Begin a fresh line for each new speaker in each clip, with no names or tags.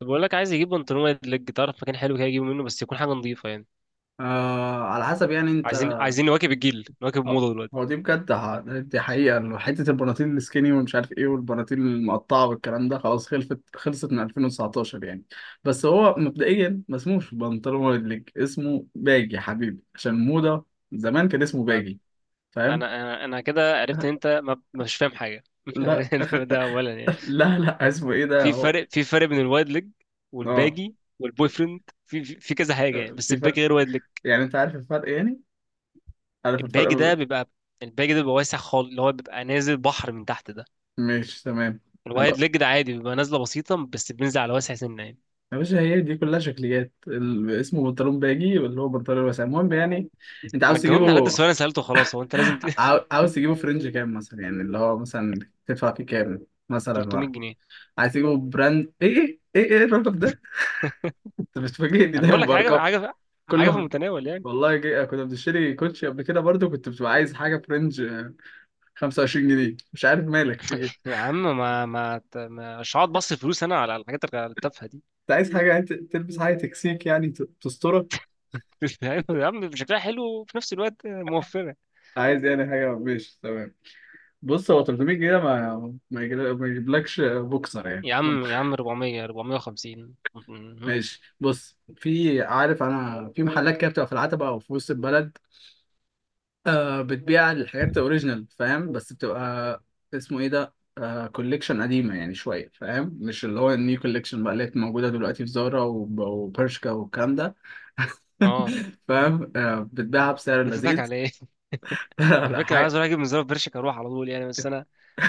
طب بقول لك عايز يجيب بنطلون وايد ليج تعرف مكان حلو كده يجيبه منه بس يكون حاجه نظيفه يعني.
آه، على حسب يعني انت.
عايزين نواكب الجيل نواكب
هو
الموضه دلوقتي.
هو دي بجد، دي حقيقة إنه حتة البناطيل السكيني ومش عارف ايه، والبناطيل المقطعة والكلام ده خلاص خلصت من 2019 يعني. بس هو مبدئيا ما اسموش بنطلون ولا ليج، اسمه باجي يا حبيبي عشان الموضة. زمان كان اسمه
فانا
باجي. فاهم؟
انا انا انا كده عرفت ان انت ما مش فاهم حاجه
لا.
ده اولا يعني.
لا، لا اسمه ايه ده
في
هو؟
فرق في فرق بين الوايد ليج
اه،
والباجي والبوي فريند في كذا حاجه يعني بس
في
الباجي
فرق.
غير وايد ليج.
يعني انت عارف الفرق يعني؟ عارف الفرق؟
الباجي ده بيبقى الباجي ده بيبقى واسع خالص اللي هو بيبقى نازل بحر من تحت ده.
مش تمام.
الوايد ليج ده عادي بيبقى نازله بسيطه بس بينزل على واسع سنه يعني.
يا باشا، هي دي كلها شكليات، اسمه بنطلون باجي، واللي هو بنطلون واسع، المهم يعني. انت
ما
عاوز
تجاوبني على قد
تجيبه؟
السؤال اللي انا سالته؟ خلاص هو انت لازم
عاوز تجيبه فرنج كام مثلا؟ يعني اللي هو مثلا تدفع فيه كام مثلا بقى؟
300 جنيه.
عايز تجيبه براند ايه؟ ايه ايه ايه الرقم ده؟ انت بتفاجئني
انا بقول
دايما
لك حاجه
بارقام
حاجه
كل
حاجه في
ما...
المتناول يعني.
والله كنا بنشتري كوتشي قبل كده، برضو كنت بتبقى عايز حاجه فرنج، 25 جنيه، مش عارف مالك في ايه.
يا عم ما ما ت- ما- مش هقعد بص فلوس انا على الحاجات التافهه دي
انت عايز حاجه يعني تلبس حاجه تكسيك يعني، تسترك.
يا عم شكلها حلو وفي نفس الوقت موفره.
عايز يعني حاجه ماشي تمام. بص، هو 300 جنيه ما ما يجيبلكش بوكسر يعني.
يا عم يا عم 400 450 مهم.
ماشي، بص، في عارف انا في محلات كده بتبقى في العتبة او في وسط البلد، آه، بتبيع الحاجات اوريجينال، فاهم؟ بس بتبقى اسمه ايه ده، آه، كوليكشن قديمة يعني شوية، فاهم؟ مش اللي هو النيو كوليكشن بقى، اللي هي موجودة دلوقتي في زارا وبرشكا والكلام ده.
اه
فاهم؟ آه، بتبيعها بسعر
ده بتضحك
لذيذ.
على ايه؟ على
لا،
فكره أنا عايز
حاجة.
اروح اجيب من زرار برشك اروح على طول يعني بس انا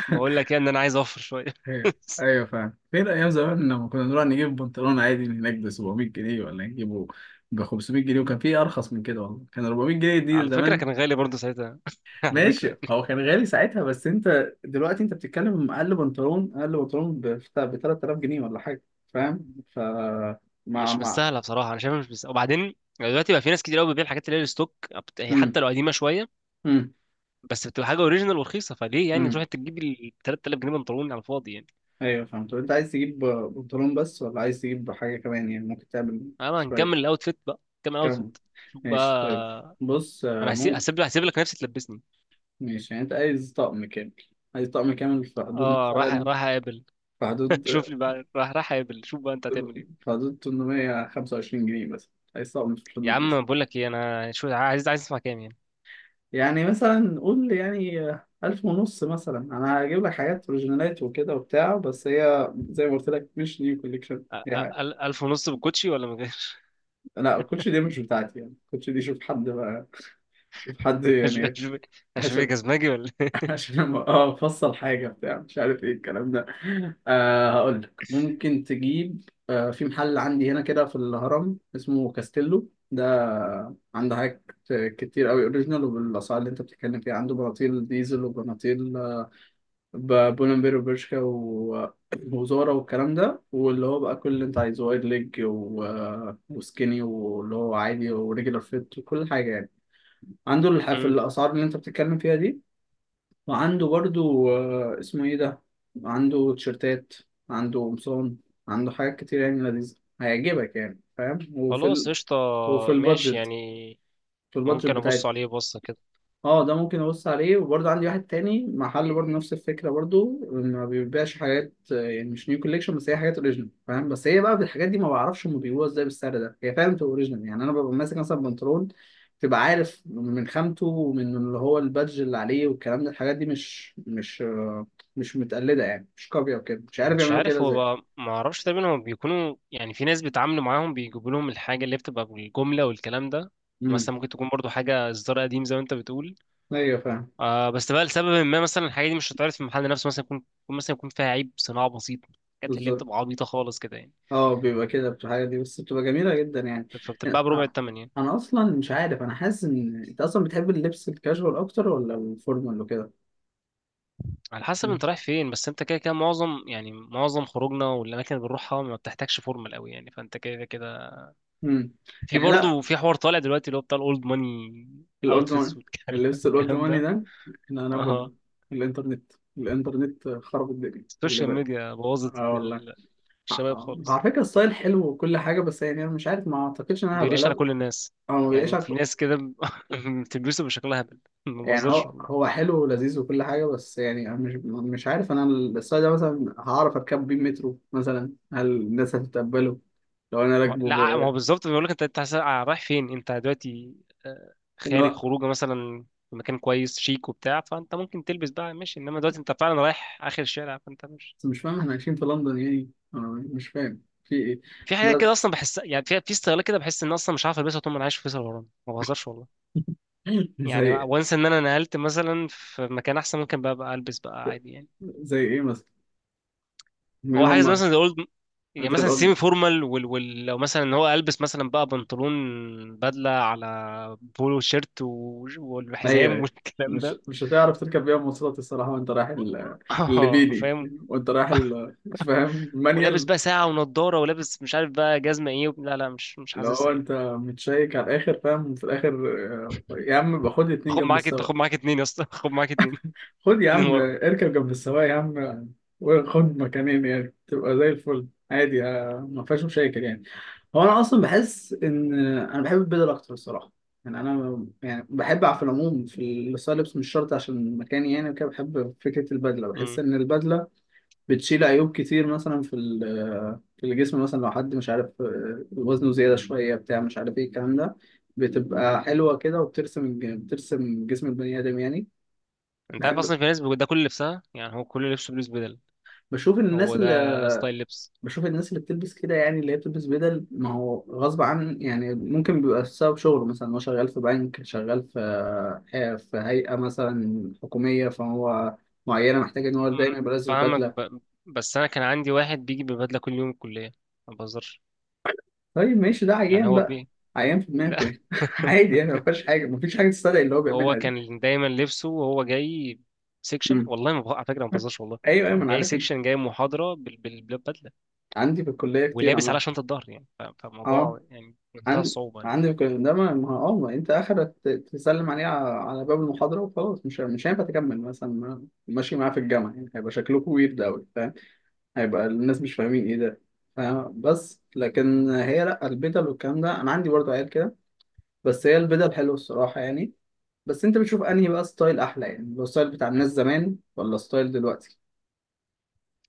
بقول لك يعني ان انا عايز اوفر شويه
ايوه، ايوه فاهم. فين ايام زمان لما كنا نروح نجيب بنطلون عادي من هناك ب 700 جنيه، ولا نجيبه ب 500 جنيه، وكان في ارخص من كده، والله كان 400 جنيه دي
على فكره
زمان.
كان غالي برضه ساعتها على فكره
ماشي،
يعني
هو كان غالي ساعتها، بس انت دلوقتي انت بتتكلم اقل بنطلون، اقل بنطلون ب 3000 جنيه ولا حاجه. فاهم؟ ف مع
مش
مع
مستاهله بصراحه، انا شايفها مش مستاهله. وبعدين دلوقتي بقى في ناس كتير قوي بتبيع الحاجات اللي هي الستوك هي
امم
حتى لو قديمه شويه
امم
بس بتبقى حاجه اوريجينال ورخيصه. فليه يعني تروح
امم
انت تجيب ال 3000 جنيه بنطلون على الفاضي يعني.
ايوه فاهم. طب انت عايز تجيب بنطلون بس، ولا عايز تجيب حاجه كمان؟ يعني ممكن تعمل
انا
شويه
هنكمل الاوتفيت بقى، نكمل
كم.
الاوتفيت. شوف
ماشي طيب.
بقى،
بص، آه،
انا هسيب هسيب
ممكن.
لك هسيب لك نفسي تلبسني.
ماشي، يعني انت عايز طقم كامل. عايز طقم كامل في حدود
اه راح
مثلا.
راح اقابل
في حدود
شوف لي بقى راح اقابل، شوف بقى انت هتعمل ايه.
في حدود 825 جنيه مثلا. عايز طقم في
يا
الحدود دي.
عم بقول لك ايه، انا شو عايز، عايز اسمع كام يعني.
يعني مثلا قول يعني، ألف ونص مثلا، أنا هجيب لك حاجات أوريجينالات وكده وبتاع، بس هي زي ما قلت لك مش نيو كوليكشن، هي حاجة...
1500 بالكوتشي ولا من غير؟
لا، الكوتش دي مش بتاعتي يعني، الكوتش دي شوف حد بقى، شوف حد يعني.
أشوف. أشوف إيه، جزمجي ولا إيه؟
عشان اه، افصل حاجه بتاع، مش عارف ايه الكلام ده. آه، هقول لك، ممكن تجيب، آه، في محل عندي هنا كده في الهرم اسمه كاستيلو ده. عنده حاجات كتير قوي اوريجينال، وبالاسعار اللي انت بتتكلم فيها. عنده بناطيل ديزل، وبناطيل، آه، بولمبير، وبرشكا، و... وزارة، والكلام ده، واللي هو بقى كل اللي انت عايزه، وايد ليج، و... وسكيني، واللي هو عادي، وريجولار فيت، وكل حاجه يعني. عنده في
مم.
الاسعار اللي انت بتتكلم فيها دي. وعنده برضو، آه، اسمه ايه ده. عنده تيشرتات، عنده قمصان، عنده حاجات كتير يعني لذيذة، هيعجبك يعني، فاهم؟ وفي
خلاص
ال...
قشطة،
وفي
ماشي
البادجت،
يعني.
في البادجت
ممكن أبص
بتاعتنا.
عليه بصة كده.
اه، ده ممكن ابص عليه. وبرضه عندي واحد تاني محل، برضه نفس الفكره، برضه ما بيبيعش حاجات، آه، يعني مش نيو كوليكشن، بس هي حاجات اوريجينال، فاهم؟ بس هي بقى بالحاجات دي ما بعرفش هم بيبيعوها ازاي بالسعر ده. هي فعلا بتبقى اوريجينال يعني. انا ببقى ماسك مثلا بنطلون، تبقى عارف من خامته ومن اللي هو البادج اللي عليه والكلام ده. الحاجات دي مش آه، مش متقلده يعني، مش كوبي او كده، مش عارف
مش
يعملوا كده
عارف هو
ازاي.
بقى، ما اعرفش تقريبا هم بيكونوا يعني في ناس بيتعاملوا معاهم بيجيبوا لهم الحاجه اللي بتبقى بالجمله والكلام ده.
امم.
مثلا ممكن تكون برضو حاجه اصدار قديم زي ما انت بتقول.
ايوه فاهم.
آه بس بقى لسبب ما، مثلا الحاجه دي مش هتعرف في المحل نفسه، مثلا يكون فيها عيب صناعه بسيط. الحاجات اللي
بالظبط.
بتبقى عبيطه خالص كده يعني.
اه، بيبقى كده في الحاجة دي، بس بتبقى جميلة جدا يعني.
فبتتباع بربع
أنا
الثمن يعني.
أنا أصلا مش عارف، أنا حاسس إن أنت أصلا بتحب اللبس الكاجوال أكتر، ولا الفورمال وكده؟
على حسب
مم.
انت رايح فين، بس انت كده كده معظم يعني معظم خروجنا والاماكن اللي بنروحها ما بتحتاجش فورمال قوي يعني، فانت كده كده.
مم.
في
يعني لأ،
برضو في حوار طالع دلوقتي اللي هو بتاع الاولد ماني
الأولد ماني.
اوتفيتس
اللبس الأولد
والكلام
ماني
ده.
ده، أنا
اها.
بقول، الإنترنت، الإنترنت خرب الدنيا، خلي
السوشيال
بالك.
ميديا بوظت
اه، والله.
الشباب
آه.
خالص.
على فكرة الستايل حلو وكل حاجة، بس يعني أنا مش عارف، ما أعتقدش إن أنا هبقى،
بيليش على
لا،
كل الناس،
أو ما بيلاقيش.
يعني في ناس كده بتلبسه بشكلها هبل. ما
يعني
بهزرش
هو
والله.
هو حلو ولذيذ وكل حاجة، بس يعني أنا مش عارف. أنا الساعة ده مثلا هعرف أركب بيه مترو مثلا؟ هل الناس هتتقبله لو أنا راكبه
لا، ما هو بالظبط بيقول لك انت انت رايح فين انت دلوقتي.
اللي
خارج
هو؟
خروجه مثلا في مكان كويس شيك وبتاع، فانت ممكن تلبس بقى ماشي. انما دلوقتي انت فعلا رايح اخر الشارع، فانت مش
بس مش فاهم، إحنا عايشين في لندن يعني أنا؟ مش فاهم في إيه.
في حاجه
بس...
كده اصلا. بحس يعني في استغلال كده، بحس ان اصلا مش عارف البسها طول ما انا عايش في فيصل. الغرام ما بهزرش والله يعني.
زي،
وانسى ان انا نقلت مثلا في مكان احسن، ممكن بقى بقى البس بقى عادي يعني.
زي إيه مثلا؟ مين
هو حاجه زي
هما؟
مثلا زي اولد. يعني
زي
مثلا سيمي
الأم.
فورمال لو مثلا ان هو البس مثلا بقى بنطلون بدله على بولو شيرت
أيوه،
والحزام
أيوه.
والكلام
مش
ده
مش هتعرف تركب بيها مواصلات الصراحة، وأنت رايح
اه
الليبيلي،
فاهم.
وأنت رايح فاهم،
ولابس
المانيال.
بقى ساعه ونضاره، ولابس مش عارف بقى جزمه ايه لا لا مش مش
اللي هو
حاسسها يعني.
انت متشيك على الاخر، فاهم؟ وفي الاخر آه، يا عم يبقى خد اتنين
خد
جنب
معاك
السواق.
خد معاك اتنين يا اسطى خد معاك اتنين.
خد يا
اتنين
عم،
ورا.
اركب جنب السواق يا عم. وخد مكانين يعني، تبقى زي الفل عادي، آه، ما فيهاش مشاكل يعني. هو انا اصلا بحس ان آه، انا بحب البدل اكتر الصراحه. يعني انا يعني بحب، على في العموم في الستايل لبس مش شرط عشان مكاني يعني، وكده. بحب فكره البدله، بحس
امم.
ان البدله بتشيل عيوب كتير، مثلا في في الجسم، مثلا لو حد مش عارف آه، وزنه زيادة شوية بتاع، مش عارف ايه الكلام ده، بتبقى حلوة كده، وبترسم بترسم جسم البني آدم يعني.
انت عارف
بحب
اصلا في ناس بيبقى ده كل لبسها، يعني هو كل لبسه بلوز بدل.
بشوف إن الناس
هو ده
اللي
ستايل لبس.
بشوف الناس اللي بتلبس كده، يعني اللي هي بتلبس بدل، ما هو غصب عن يعني، ممكن بيبقى بسبب شغله مثلا، هو شغال في بنك، شغال في، آه، في هيئة مثلا حكومية، فهو معينة، محتاج إن هو دايما
مم.
يبقى لابس
فاهمك
بدلة.
بس انا كان عندي واحد بيجي ببدله كل يوم الكليه. ما بهزرش،
طيب ماشي، ده
يعني
عيان
هو
بقى.
بي
عيان في دماغه
لا
يعني. عادي يعني، ما فيهاش حاجه، ما فيش حاجه تستدعي اللي هو
هو
بيعملها دي.
كان دايما لبسه وهو جاي سيكشن.
مم.
والله ما بهزر على فكره، ما بهزرش والله.
ايوه، ايوه، ما
هو
انا
جاي
عارف.
سيكشن، جاي محاضره بالبدله.
عندي في الكليه كتير
ولابس
عامه.
على شنطه ظهر يعني
اه.
فالموضوع يعني منتهى
عن...
الصعوبه يعني.
عندي في الكليه ده اه، ما انت اخرك تسلم عليه على على باب المحاضره وخلاص، مش هينفع تكمل مثلا، ماشي معاه في الجامعه يعني، هيبقى شكلكم ويرد قوي، فاهم؟ هيبقى الناس مش فاهمين ايه ده. فاهم؟ بس لكن هي لا، البدل والكلام ده انا عندي برضه عيال كده، بس هي البدل حلوه الصراحه يعني. بس انت بتشوف انهي بقى ستايل احلى، يعني لو ستايل بتاع الناس زمان، ولا ستايل دلوقتي؟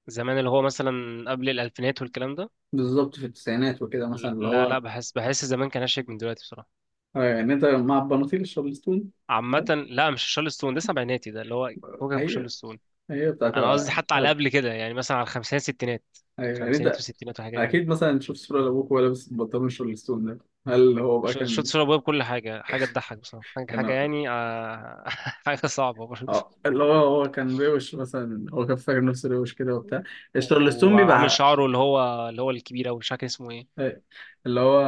زمان اللي هو مثلا قبل الالفينات والكلام ده.
بالظبط، في التسعينات وكده مثلا اللي
لا لا
هو،
بحس زمان كان اشيك من دلوقتي بصراحه.
آه، يعني انت مع البناطيل الشارلستون.
عامه لا، مش شارل ستون، ده سبعيناتي ده اللي هو فوقك من شارل
ايوه،
ستون.
ايوه،
انا قصدي حتى على
بتاعت-
قبل كده يعني مثلا على الخمسينات ستينات.
ايوه يعني
خمسينات
انت.
وستينات والحاجات دي.
اكيد مثلا تشوف صوره لابوك وهو لابس البنطلون الشارلستون ده، هل هو بقى
شوت
كان،
شرب ويب كل حاجة، حاجة تضحك بصراحة، حاجة
كان
يعني حاجة صعبة برضه.
اه اللي هو، هو كان روش مثلا، هو كان فاكر نفسه روش كده وبتاع. الشارلستون
وعامل
بيبقى
شعره اللي هو الكبير أوي مش فاكر اسمه ايه.
إيه. اللي هو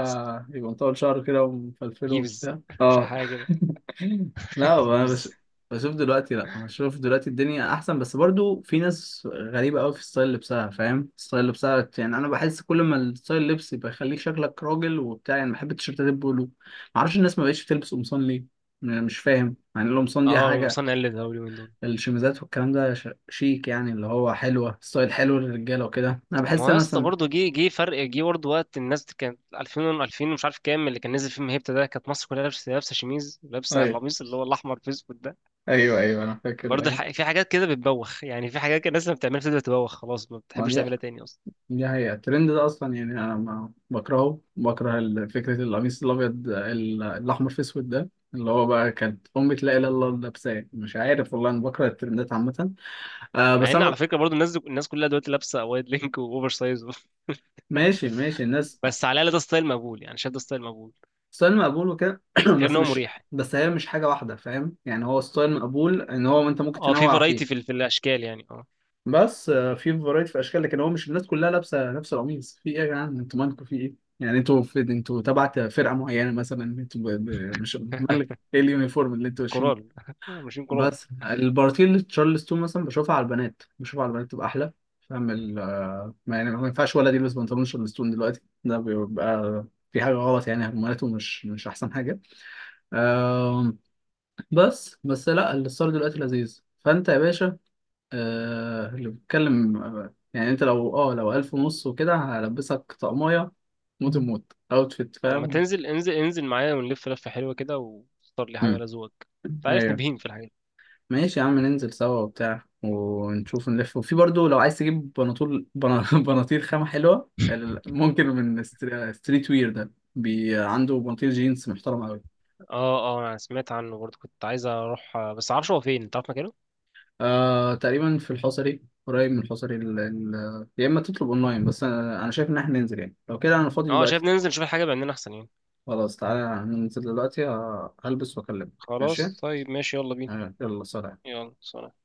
يبقى مطول شعره كده ومفلفله
هيفز.
وبتاع،
مش عارف
اه.
حاجة كده
لا، هو انا
هيفز.
بشوف دلوقتي لا بشوف دلوقتي الدنيا احسن، بس برضو في ناس غريبه قوي في ستايل لبسها، فاهم؟ ستايل لبسها بت- يعني انا بحس كل ما الستايل لبس يبقى يخليك شكلك راجل وبتاع يعني، بحب التيشيرتات البولو. معرفش الناس ما بقتش بتلبس قمصان ليه؟ أنا مش فاهم يعني. القمصان دي
اه
حاجه،
المصنع قلد أوي اليومين دول.
الشميزات والكلام ده شيك يعني، اللي هو حلوه، ستايل حلو للرجاله وكده. انا
ما
بحس
هو يا اسطى
مثلا.
برضه جه برضه. وقت الناس كانت 2000 2000 ومش عارف كام، اللي كان نزل فيلم هيبتا ده، كانت مصر كلها لابسة شميز، لابسة
ايوه،
القميص اللي هو الأحمر في أسود ده.
ايوه، ايوه، انا فاكر
برضه
الايام.
في حاجات كده بتبوخ، يعني في حاجات كده الناس لما بتعملها بتبدأ تبوخ خلاص ما
ما
بتحبش
دي،
تعملها تاني أصلا.
دي حقيقة الترند ده أصلا يعني، أنا ما بكرهه، بكره فكرة القميص الأبيض الأحمر في أسود ده اللي هو بقى، كانت أمي لا إله إلا الله لابساه، مش عارف، والله أنا بكره الترندات عامة. آه،
مع
بس
ان
أنا...
على فكره برضو الناس كلها دلوقتي لابسه وايد لينك واوفر سايز
ماشي، ماشي الناس.
بس على الاقل ده ستايل مقبول، يعني شايف ده ستايل مقبول
ستايل مقبول وكده
غير
بس
ان هو
مش
مريح.
بس هي مش حاجة واحدة، فاهم يعني، هو ستايل مقبول، إن هو أنت ممكن
اه في
تنوع
فرايتي في
فيه.
في الاشكال يعني، اه.
بس آه، في فرايتي في اشكال، لكن هو مش الناس كلها لابسه نفس القميص. في ايه يا جدعان، انتوا مالكم؟ في ايه يعني انتوا، في انتوا تبع فرقه معينه مثلا، انتوا مش مالك، ايه اليونيفورم اللي انتوا ماشيين
كورال
بيه؟
ماشيين كورال.
بس البارتيل تشارلستون مثلا بشوفها على البنات، بشوفها على البنات تبقى احلى، فاهم؟ ال... آه، ما يعني ما ينفعش ولد يلبس بنطلون تشارلستون دلوقتي، ده بيبقى في حاجه غلط يعني، هرموناته مش احسن حاجه. آم، بس لا، الستايل دلوقتي لذيذ. فانت يا باشا، آه، اللي بتكلم، آه، يعني انت لو لو 1500 وكده، هلبسك طقمية موت. الموت اوتفيت،
طب ما
فاهم؟
تنزل، انزل معايا ونلف لفه حلوه كده واختار لي حاجه
مم.
على ذوقك. انت عارفني
ايوه.
بهيم في الحاجات دي
ماشي يا عم، ننزل سوا وبتاع ونشوف نلف. وفي برضو لو عايز تجيب بناطول بناطيل خامة حلوة ممكن من ستريت وير ده بي، عنده بناطيل جينز محترم قوي.
اه اه، انا سمعت عنه برضو، كنت عايز اروح بس معرفش هو فين. انت عارف مكانه؟
آه، تقريبا في الحصري، قريب من الحصري يا اما تطلب اونلاين، بس انا أنا شايف ان احنا ننزل يعني، لو كده انا فاضي
اه شايف
دلوقتي.
ننزل نشوف الحاجه بعيننا احسن يعني.
خلاص تعالى ننزل دلوقتي، آه، هلبس واكلمك ماشي.
خلاص طيب ماشي يلا بينا.
آه، يلا سلام.
يلا سلام.